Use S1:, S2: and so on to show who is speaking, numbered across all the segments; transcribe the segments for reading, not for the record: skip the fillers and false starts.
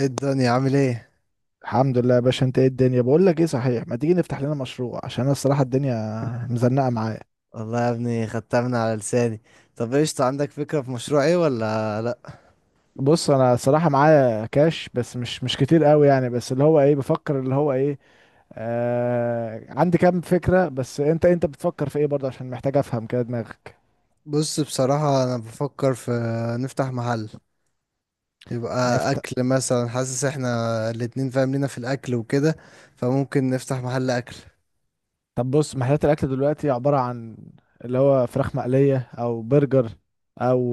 S1: ايه الدنيا عامل ايه؟
S2: الحمد لله يا باشا، انت ايه الدنيا؟ بقول لك ايه، صحيح ما تيجي نفتح لنا مشروع عشان انا الصراحه الدنيا مزنقه معايا.
S1: والله يا ابني، خدتها من على لساني. طب، ايش عندك؟ فكرة في مشروع، ايه ولا لا؟
S2: بص انا الصراحه معايا كاش بس مش كتير قوي، يعني بس اللي هو ايه بفكر اللي هو ايه. عندي كام فكره بس انت بتفكر في ايه برضه؟ عشان محتاج افهم كده دماغك.
S1: بص، بصراحة انا بفكر في نفتح محل، يبقى
S2: نفتح.
S1: اكل مثلا. حاسس احنا الاتنين فاهم لينا في الاكل وكده، فممكن نفتح محل اكل.
S2: طب بص محلات الاكل دلوقتي عباره عن اللي هو فراخ مقليه او برجر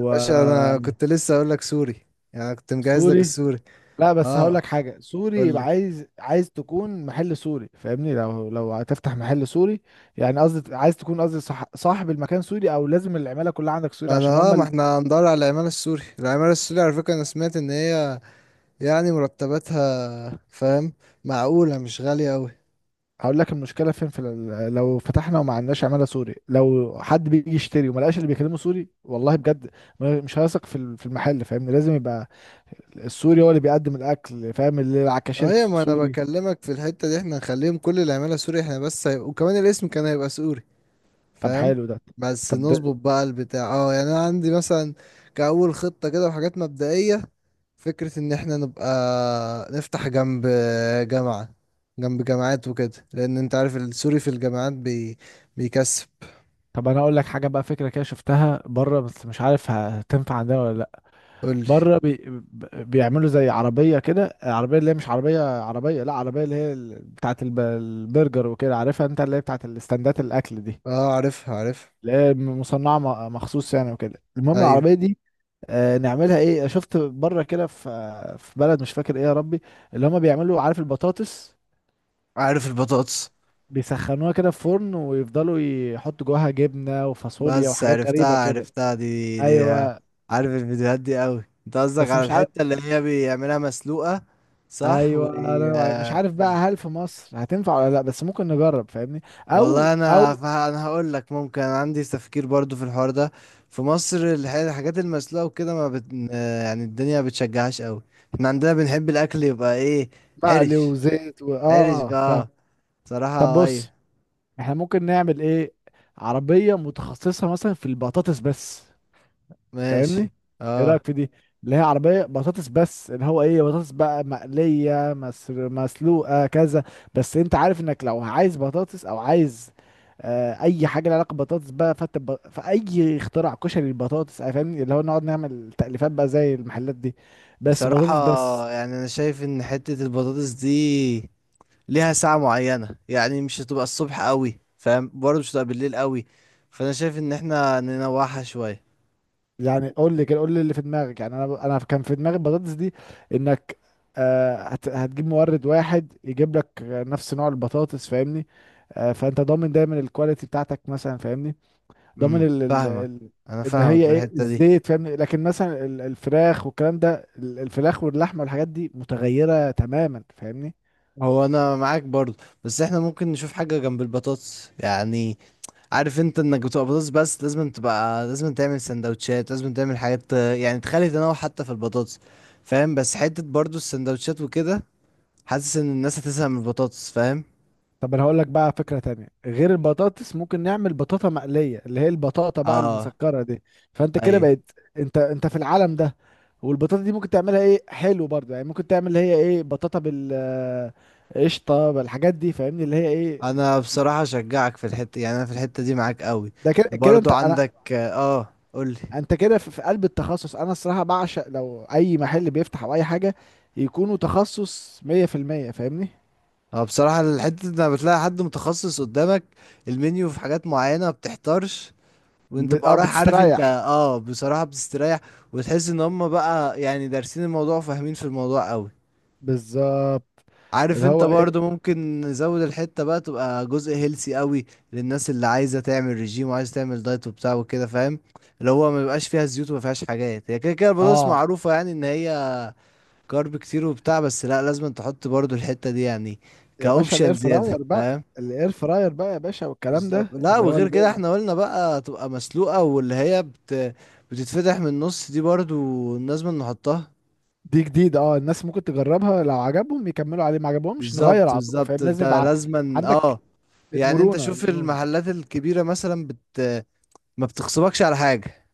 S1: يا باشا، انا كنت لسه اقول لك سوري، يعني أنا كنت مجهز لك
S2: سوري.
S1: السوري.
S2: لا بس هقول
S1: اه،
S2: لك حاجه، سوري
S1: قول
S2: يبقى
S1: لي.
S2: عايز عايز تكون محل سوري، فاهمني؟ لو هتفتح محل سوري يعني قصدي عايز تكون قصدي صح صاحب المكان سوري، او لازم العماله كلها عندك سوري
S1: ما
S2: عشان
S1: انا
S2: هم
S1: اه ما
S2: ال...
S1: احنا هندور على العمالة السوري، العمالة السوري على فكرة. انا سمعت ان هي يعني مرتباتها، فاهم؟ معقولة، مش غالية أوي.
S2: هقول لك المشكله فين، في لو فتحنا وما عندناش عماله سوري، لو حد بيجي يشتري وما لقاش اللي بيكلمه سوري، والله بجد مش هيثق في في المحل، فاهمني؟ لازم يبقى السوري هو اللي بيقدم الاكل، فاهم؟ اللي على الكاشير
S1: ايوه، ما انا
S2: سوري.
S1: بكلمك في الحتة دي، احنا هنخليهم كل العمالة سوري احنا، بس هيبقى وكمان الاسم كان هيبقى سوري،
S2: طب
S1: فاهم؟
S2: حلو ده.
S1: بس
S2: طب،
S1: نظبط بقى البتاع، يعني انا عندي مثلا كأول خطة كده، وحاجات مبدئية. فكرة ان احنا نبقى نفتح جامعة جنب جامعات وكده، لان انت عارف السوري في الجامعات بيكسب.
S2: طب انا اقول لك حاجه بقى فكره كده شفتها بره بس مش عارف هتنفع عندنا ولا لا.
S1: قولي.
S2: بره بيعملوا زي عربيه كده، العربيه اللي هي مش عربيه عربيه، لا عربيه اللي هي بتاعه البرجر وكده، عارفها انت اللي هي بتاعه الاستندات الاكل دي،
S1: اه، عارفها عارفها.
S2: اللي هي مصنعه مخصوص يعني وكده. المهم
S1: ايوه،
S2: العربيه دي نعملها ايه، شفت بره كده في في بلد مش فاكر ايه يا ربي، اللي هما بيعملوا عارف البطاطس
S1: عارف البطاطس.
S2: بيسخنوها كده في فرن، ويفضلوا يحطوا جواها جبنه وفاصوليا
S1: بس
S2: وحاجات
S1: عرفتها
S2: غريبه كده.
S1: عرفتها دي.
S2: ايوه،
S1: عارف الفيديوهات دي قوي؟ انت قصدك
S2: بس
S1: على
S2: مش عارف.
S1: الحتة اللي هي بيعملها مسلوقة؟ صح
S2: ايوه انا مش عارف بقى هل في مصر هتنفع ولا لا، بس ممكن نجرب فاهمني، او
S1: والله انا
S2: او
S1: فه... انا هقول لك ممكن عندي تفكير برضو في الحوار ده. في مصر الحاجات المسلوقة وكده ما بت... يعني الدنيا ما بتشجعهاش قوي. احنا عندنا بنحب الاكل، يبقى ايه؟
S2: مقلي
S1: حرش.
S2: وزيت و...
S1: حرش
S2: اه فاهم.
S1: بقى.
S2: طب
S1: صراحة، ايوه.
S2: بص احنا ممكن نعمل ايه، عربية متخصصة مثلا في البطاطس بس،
S1: ماشي.
S2: فاهمني؟ ايه
S1: اه.
S2: رايك في دي، اللي هي عربيه بطاطس بس، اللي هو ايه بطاطس بقى مقليه مسر مسلوقه كذا. بس انت عارف انك لو عايز بطاطس او عايز اي حاجه لها علاقه ببطاطس بقى، فانت فاي اختراع كشري البطاطس فاهمني، اللي هو نقعد نعمل تأليفات بقى زي المحلات دي، بس
S1: بصراحة
S2: بطاطس بس.
S1: يعني انا شايف ان حتة البطاطس دي ليها ساعة معينة، يعني مش هتبقى الصبح قوي، فاهم؟ برضه مش هتبقى بالليل قوي. فانا شايف ان احنا ننوعها شوية.
S2: يعني قول لي كده، قول لي اللي في دماغك. يعني انا كان في دماغي البطاطس دي، انك هتجيب مورد واحد يجيب لك نفس نوع البطاطس فاهمني، فانت ضامن دايما الكواليتي بتاعتك مثلا فاهمني. ضامن ال ال
S1: فاهمك.
S2: ال
S1: انا
S2: ان
S1: فاهمك
S2: هي
S1: في
S2: ايه
S1: الحتة دي.
S2: الزيت فاهمني، لكن مثلا الفراخ والكلام ده الفراخ واللحمه والحاجات دي متغيره تماما فاهمني.
S1: هو انا معاك برضه، بس احنا ممكن نشوف حاجة جنب البطاطس يعني. عارف انت انك بتبقى بطاطس بس، لازم تبقى، لازم تعمل سندوتشات، لازم تعمل حاجات، يعني تخلي تنوع حتى في البطاطس. فاهم؟ بس حتة برضه السندوتشات وكده، حاسس ان الناس هتزهق من البطاطس، فاهم؟
S2: طب انا هقول لك بقى فكرة تانية غير البطاطس، ممكن نعمل بطاطا مقلية، اللي هي البطاطا بقى
S1: اه.
S2: المسكرة دي، فانت كده
S1: ايوه،
S2: بقت انت في العالم ده. والبطاطا دي ممكن تعملها ايه، حلو برضه يعني، ممكن تعمل اللي هي ايه بطاطا بال قشطة بالحاجات دي فاهمني، اللي هي ايه.
S1: انا بصراحة اشجعك في الحتة، يعني انا في الحتة دي معاك قوي.
S2: ده كده كده
S1: برضو
S2: انت انا،
S1: عندك؟ اه، قولي.
S2: انت كده في في قلب التخصص، انا الصراحة بعشق لو اي محل بيفتح او اي حاجة يكونوا تخصص 100%، فاهمني؟
S1: اه، بصراحة الحتة دي لما بتلاقي حد متخصص قدامك، المنيو في حاجات معينة ما بتحتارش. وانت بقى رايح، عارف انت،
S2: بتستريح.
S1: بصراحة بتستريح. وتحس ان هم بقى يعني دارسين الموضوع وفاهمين في الموضوع قوي.
S2: بالظبط.
S1: عارف
S2: اللي
S1: انت
S2: هو
S1: برضو
S2: ايه،
S1: ممكن نزود الحتة بقى تبقى جزء هيلسي قوي للناس اللي عايزة تعمل ريجيم وعايزة تعمل دايت وبتاع وكده، فاهم؟ اللي هو ما بيبقاش فيها زيوت وما فيهاش حاجات. هي كده كده البطاطس
S2: اه
S1: معروفة يعني ان هي كارب كتير وبتاع، بس لا لازم تحط برضو الحتة دي يعني
S2: يا باشا الاير
S1: كأوبشن زيادة،
S2: فراير بقى،
S1: فاهم؟
S2: الاير فراير بقى يا باشا، والكلام
S1: بالظبط.
S2: ده
S1: لا
S2: اللي هو
S1: وغير كده احنا قلنا بقى تبقى مسلوقة، واللي هي بتتفتح من النص دي برضو لازم نحطها.
S2: دي جديد، اه الناس ممكن تجربها، لو عجبهم يكملوا عليه، ما عجبهمش نغير
S1: بالظبط
S2: على طول،
S1: بالظبط،
S2: فاهم؟
S1: انت
S2: لازم يبقى
S1: لازما
S2: عندك
S1: يعني انت
S2: المرونة
S1: شوف
S2: المرونة
S1: المحلات الكبيرة مثلا ما بتخصبكش على حاجة.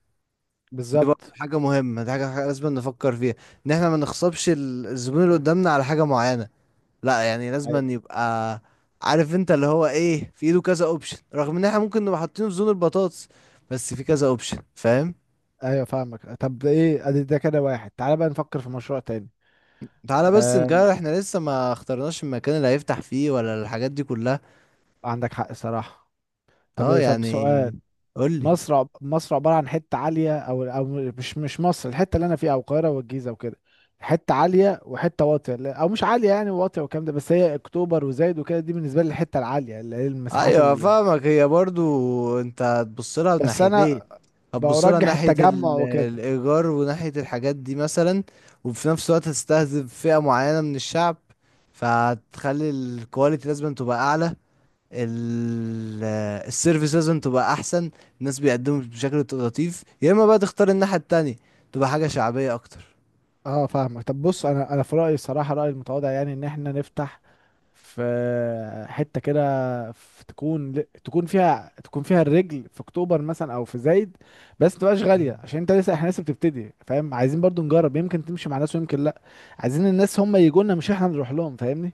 S1: دي برضه
S2: بالظبط،
S1: حاجة مهمة، دي حاجة لازم نفكر فيها، ان احنا ما نخصبش الزبون اللي قدامنا على حاجة معينة. لا، يعني
S2: ايوه.
S1: لازم يبقى عارف انت اللي هو ايه، في ايده كذا اوبشن رغم ان احنا ممكن نبقى حاطينه في زون البطاطس، بس في كذا اوبشن، فاهم؟
S2: ايوه فاهمك. طب ده ايه، ادي ده كده واحد. تعالى بقى نفكر في مشروع تاني.
S1: تعالى بس
S2: آه
S1: نجرب، احنا لسه ما اخترناش المكان اللي هيفتح فيه ولا الحاجات دي كلها.
S2: عندك حق صراحة.
S1: اه،
S2: طب طب سؤال،
S1: يعني قولي.
S2: مصر مصر عبارة عن حتة عالية أو أو مش مصر الحتة اللي أنا فيها أو القاهرة والجيزة وكده، حتة عالية وحتة واطية أو مش عالية يعني واطية والكلام ده، بس هي أكتوبر وزايد وكده دي بالنسبة لي الحتة العالية اللي هي المساحات
S1: ايوه،
S2: اللي،
S1: فاهمك. هي برضو انت هتبص لها من
S2: بس
S1: ناحيتين،
S2: أنا
S1: هتبص لها
S2: برجح
S1: ناحية
S2: التجمع
S1: ال-
S2: وكده.
S1: الايجار وناحية الحاجات دي مثلا. وفي نفس الوقت هتستهدف فئة معينة من الشعب، فهتخلي الكواليتي لازم تبقى اعلى، ال- السيرفيس لازم تبقى احسن، الناس بيقدموا بشكل لطيف، يا اما بقى تختار الناحية التانية، تبقى حاجة شعبية اكتر.
S2: أه فاهمك. طب بص أنا أنا في رأيي الصراحة رأيي المتواضع يعني إن إحنا نفتح في حتة كده، في تكون، تكون فيها تكون فيها الرجل في اكتوبر مثلا او في زايد، بس متبقاش غالية
S1: مم.
S2: عشان انت لسه، احنا لسه بتبتدي فاهم، عايزين برضو نجرب يمكن تمشي مع ناس ويمكن لا. عايزين الناس هم يجوا لنا مش احنا نروح لهم فاهمني،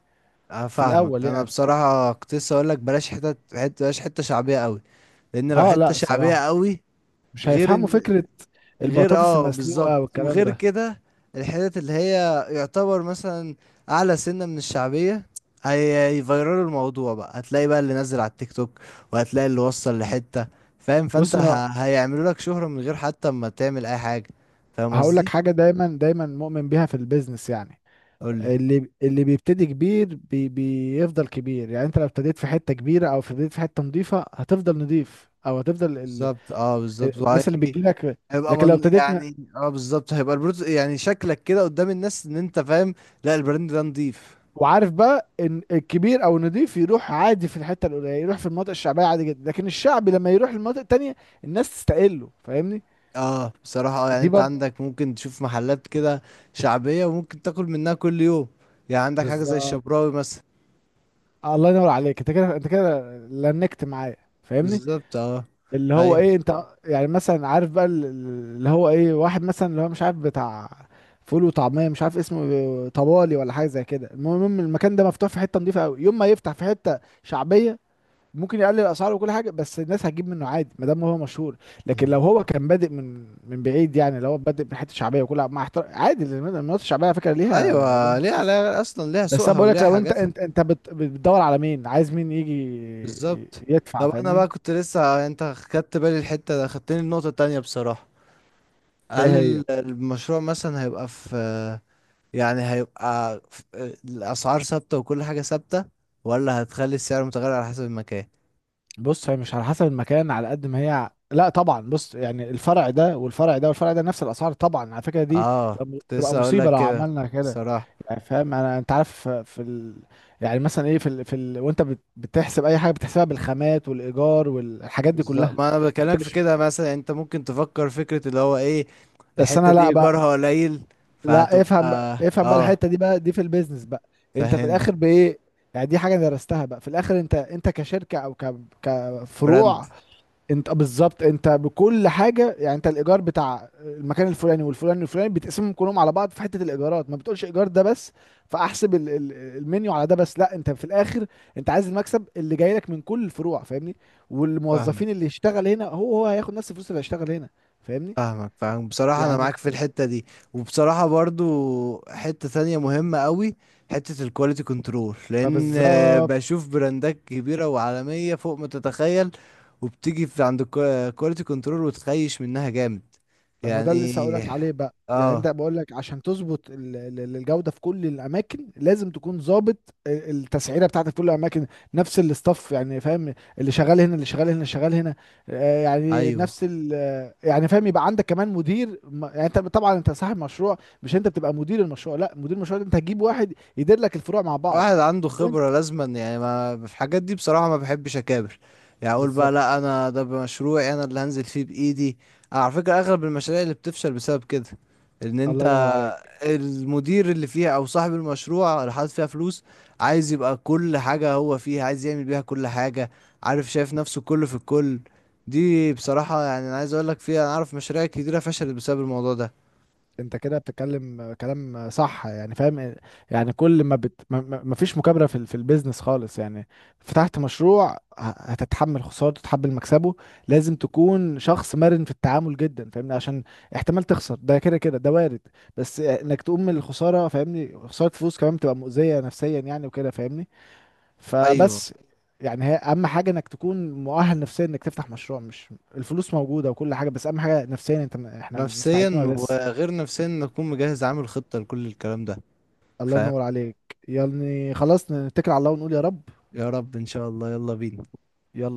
S1: أنا
S2: في
S1: فاهمك.
S2: الاول
S1: انا
S2: يعني.
S1: بصراحه كنت لسه اقول لك بلاش حته، بلاش حته شعبيه قوي، لان لو
S2: اه
S1: حته
S2: لا
S1: شعبيه
S2: الصراحة
S1: قوي
S2: مش
S1: غير
S2: هيفهموا
S1: ان
S2: فكرة
S1: غير
S2: البطاطس
S1: اه بالظبط،
S2: المسلوقة والكلام
S1: وغير
S2: ده.
S1: كده الحتت اللي هي يعتبر مثلا اعلى سنة من الشعبية هي هيفيرلوا الموضوع بقى، هتلاقي بقى اللي نزل على التيك توك وهتلاقي اللي وصل لحتة، فاهم؟ فانت
S2: بص انا
S1: هيعملوا لك شهرة من غير حتى ما تعمل اي حاجة. فاهم
S2: هقول لك
S1: قصدي؟
S2: حاجة دايما دايما مؤمن بيها في البيزنس يعني،
S1: قول لي.
S2: اللي اللي بيبتدي كبير بي بيفضل كبير، يعني انت لو ابتديت في حته كبيره او ابتديت في حته نظيفه هتفضل نظيف او هتفضل ال...
S1: بالظبط. اه، بالظبط
S2: الناس اللي بتجيلك.
S1: هيبقى
S2: لكن لو
S1: من
S2: ابتديت
S1: يعني، بالظبط هيبقى البروت، يعني شكلك كده قدام الناس ان انت فاهم. لا، البراند ده نضيف.
S2: وعارف بقى ان الكبير او النظيف يروح عادي في الحته القليله، يروح في المناطق الشعبيه عادي جدا، لكن الشعبي لما يروح المناطق التانيه الناس تستقله فاهمني.
S1: اه، بصراحة يعني
S2: دي
S1: انت
S2: برضه
S1: عندك ممكن تشوف محلات كده شعبية وممكن تاكل منها كل يوم، يعني عندك حاجة زي
S2: بالظبط.
S1: الشبراوي مثلا.
S2: الله ينور عليك، انت كده انت كده لنكت معايا، فاهمني؟
S1: بالظبط. اه.
S2: اللي هو
S1: ايوه.
S2: ايه انت يعني مثلا عارف بقى اللي هو ايه واحد مثلا اللي هو مش عارف بتاع فول وطعميه مش عارف اسمه إيه، طبالي ولا حاجه زي كده، المهم المكان ده مفتوح في حته نظيفه قوي، يوم ما يفتح في حته شعبيه ممكن يقلل الاسعار وكل حاجه، بس الناس هتجيب منه عادي ما دام هو مشهور. لكن
S1: مم.
S2: لو هو كان بادئ من بعيد، يعني لو هو بادئ من حته شعبيه، وكل مع احترام عادي لأن المناطق الشعبيه على فكره ليها
S1: ايوه،
S2: ليها
S1: ليها
S2: ناس.
S1: علاقة اصلا، ليها
S2: بس انا
S1: سوقها
S2: بقول لك
S1: وليها
S2: لو انت
S1: حاجاتها.
S2: انت انت بتدور على مين عايز مين يجي
S1: بالظبط.
S2: يدفع
S1: طب انا
S2: فاهمني.
S1: بقى كنت لسه انت خدت بالي الحتة ده، خدتني النقطة التانية بصراحة.
S2: ايه
S1: هل
S2: هي.
S1: المشروع مثلا هيبقى في، يعني هيبقى في، الاسعار ثابتة وكل حاجة ثابتة، ولا هتخلي السعر متغير على حسب المكان؟
S2: بص هي مش على حسب المكان على قد ما هي لا طبعا، بص يعني الفرع ده والفرع ده والفرع ده نفس الاسعار، طبعا على فكره دي
S1: اه،
S2: تبقى
S1: كنت
S2: تبقى
S1: لسه اقول
S2: مصيبه
S1: لك
S2: لو
S1: كده
S2: عملنا كده.
S1: الصراحه.
S2: يعني فاهم انا، انت عارف في ال... يعني مثلا ايه في ال... في ال... وانت بتحسب اي حاجه بتحسبها بالخامات والايجار والحاجات دي
S1: بالظبط،
S2: كلها،
S1: ما انا
S2: انت
S1: بكلمك في
S2: مش
S1: كده. مثلا انت ممكن تفكر فكره اللي هو ايه،
S2: بس
S1: الحته
S2: انا،
S1: دي
S2: لا بقى
S1: ايجارها قليل،
S2: لا افهم بقى،
S1: فهتبقى.
S2: افهم بقى
S1: اه،
S2: الحته دي بقى دي في البيزنس بقى، انت في
S1: فاهم.
S2: الاخر بايه؟ يعني دي حاجه درستها بقى في الاخر، انت كشركه او كفروع،
S1: براند.
S2: انت بالظبط انت بكل حاجه، يعني انت الايجار بتاع المكان الفلاني والفلاني والفلاني بتقسمهم كلهم على بعض في حته الايجارات، ما بتقولش ايجار ده بس فاحسب المنيو على ده بس، لا انت في الاخر انت عايز المكسب اللي جاي لك من كل الفروع فاهمني.
S1: فاهم،
S2: والموظفين اللي يشتغل هنا هو هياخد نفس الفلوس اللي هيشتغل هنا فاهمني.
S1: فاهمك، فاهم. بصراحه انا
S2: يعني
S1: معاك في الحته دي. وبصراحه برضو، حته تانية مهمه قوي، حته الكواليتي كنترول،
S2: ما
S1: لان
S2: بالظبط،
S1: بشوف براندات كبيره وعالميه فوق ما تتخيل، وبتيجي في عند الكواليتي كنترول وتخيش منها جامد.
S2: طب ما ده اللي
S1: يعني،
S2: لسه هقولك عليه بقى. يعني انت
S1: اه،
S2: بقول لك عشان تظبط الجوده في كل الاماكن لازم تكون ظابط التسعيره بتاعتك في كل الاماكن. نفس الاستاف يعني فاهم، اللي شغال هنا اللي شغال هنا اللي شغال هنا، يعني
S1: ايوه.
S2: نفس ال يعني فاهم، يبقى عندك كمان مدير يعني انت طبعا انت صاحب مشروع مش انت بتبقى مدير المشروع، لا مدير المشروع ده انت هتجيب واحد يدير لك الفروع مع بعض.
S1: واحد عنده
S2: وانت
S1: خبرة لازما، يعني ما في الحاجات دي بصراحة ما بحبش اكابر. يعني اقول بقى
S2: بالظبط.
S1: لا، انا ده مشروعي انا اللي هنزل فيه بايدي. على فكرة اغلب المشاريع اللي بتفشل بسبب كده، ان انت
S2: الله ينور عليك.
S1: المدير اللي فيها او صاحب المشروع اللي حاطط فيها فلوس عايز يبقى كل حاجة هو فيها، عايز يعمل بيها كل حاجة، عارف، شايف نفسه كله في الكل. دي بصراحة يعني انا عايز اقول لك فيها، انا اعرف مشاريع كتيرة فشلت بسبب الموضوع ده.
S2: انت كده بتتكلم كلام صح يعني فاهم، يعني كل ما بت ما فيش مكابرة في في البيزنس خالص يعني، فتحت مشروع هتتحمل خسارته تتحمل مكسبه، لازم تكون شخص مرن في التعامل جدا فاهمني، عشان احتمال تخسر ده كده كده ده وارد، بس انك تقوم من الخسارة فاهمني، خسارة فلوس كمان بتبقى مؤذية نفسيا يعني وكده فاهمني.
S1: ايوه.
S2: فبس يعني هي اهم حاجة انك تكون مؤهل نفسيا انك تفتح مشروع، مش الفلوس موجودة وكل حاجة، بس اهم حاجة نفسيا انت احنا مستعدين
S1: نفسيا،
S2: ولا لسه.
S1: وغير نفسيا نكون مجهز عامل خطة لكل الكلام ده،
S2: الله
S1: فاهم؟
S2: ينور عليك. يعني خلاص نتكل على الله ونقول يا رب.
S1: يا رب، ان شاء الله. يلا بينا.
S2: يلا.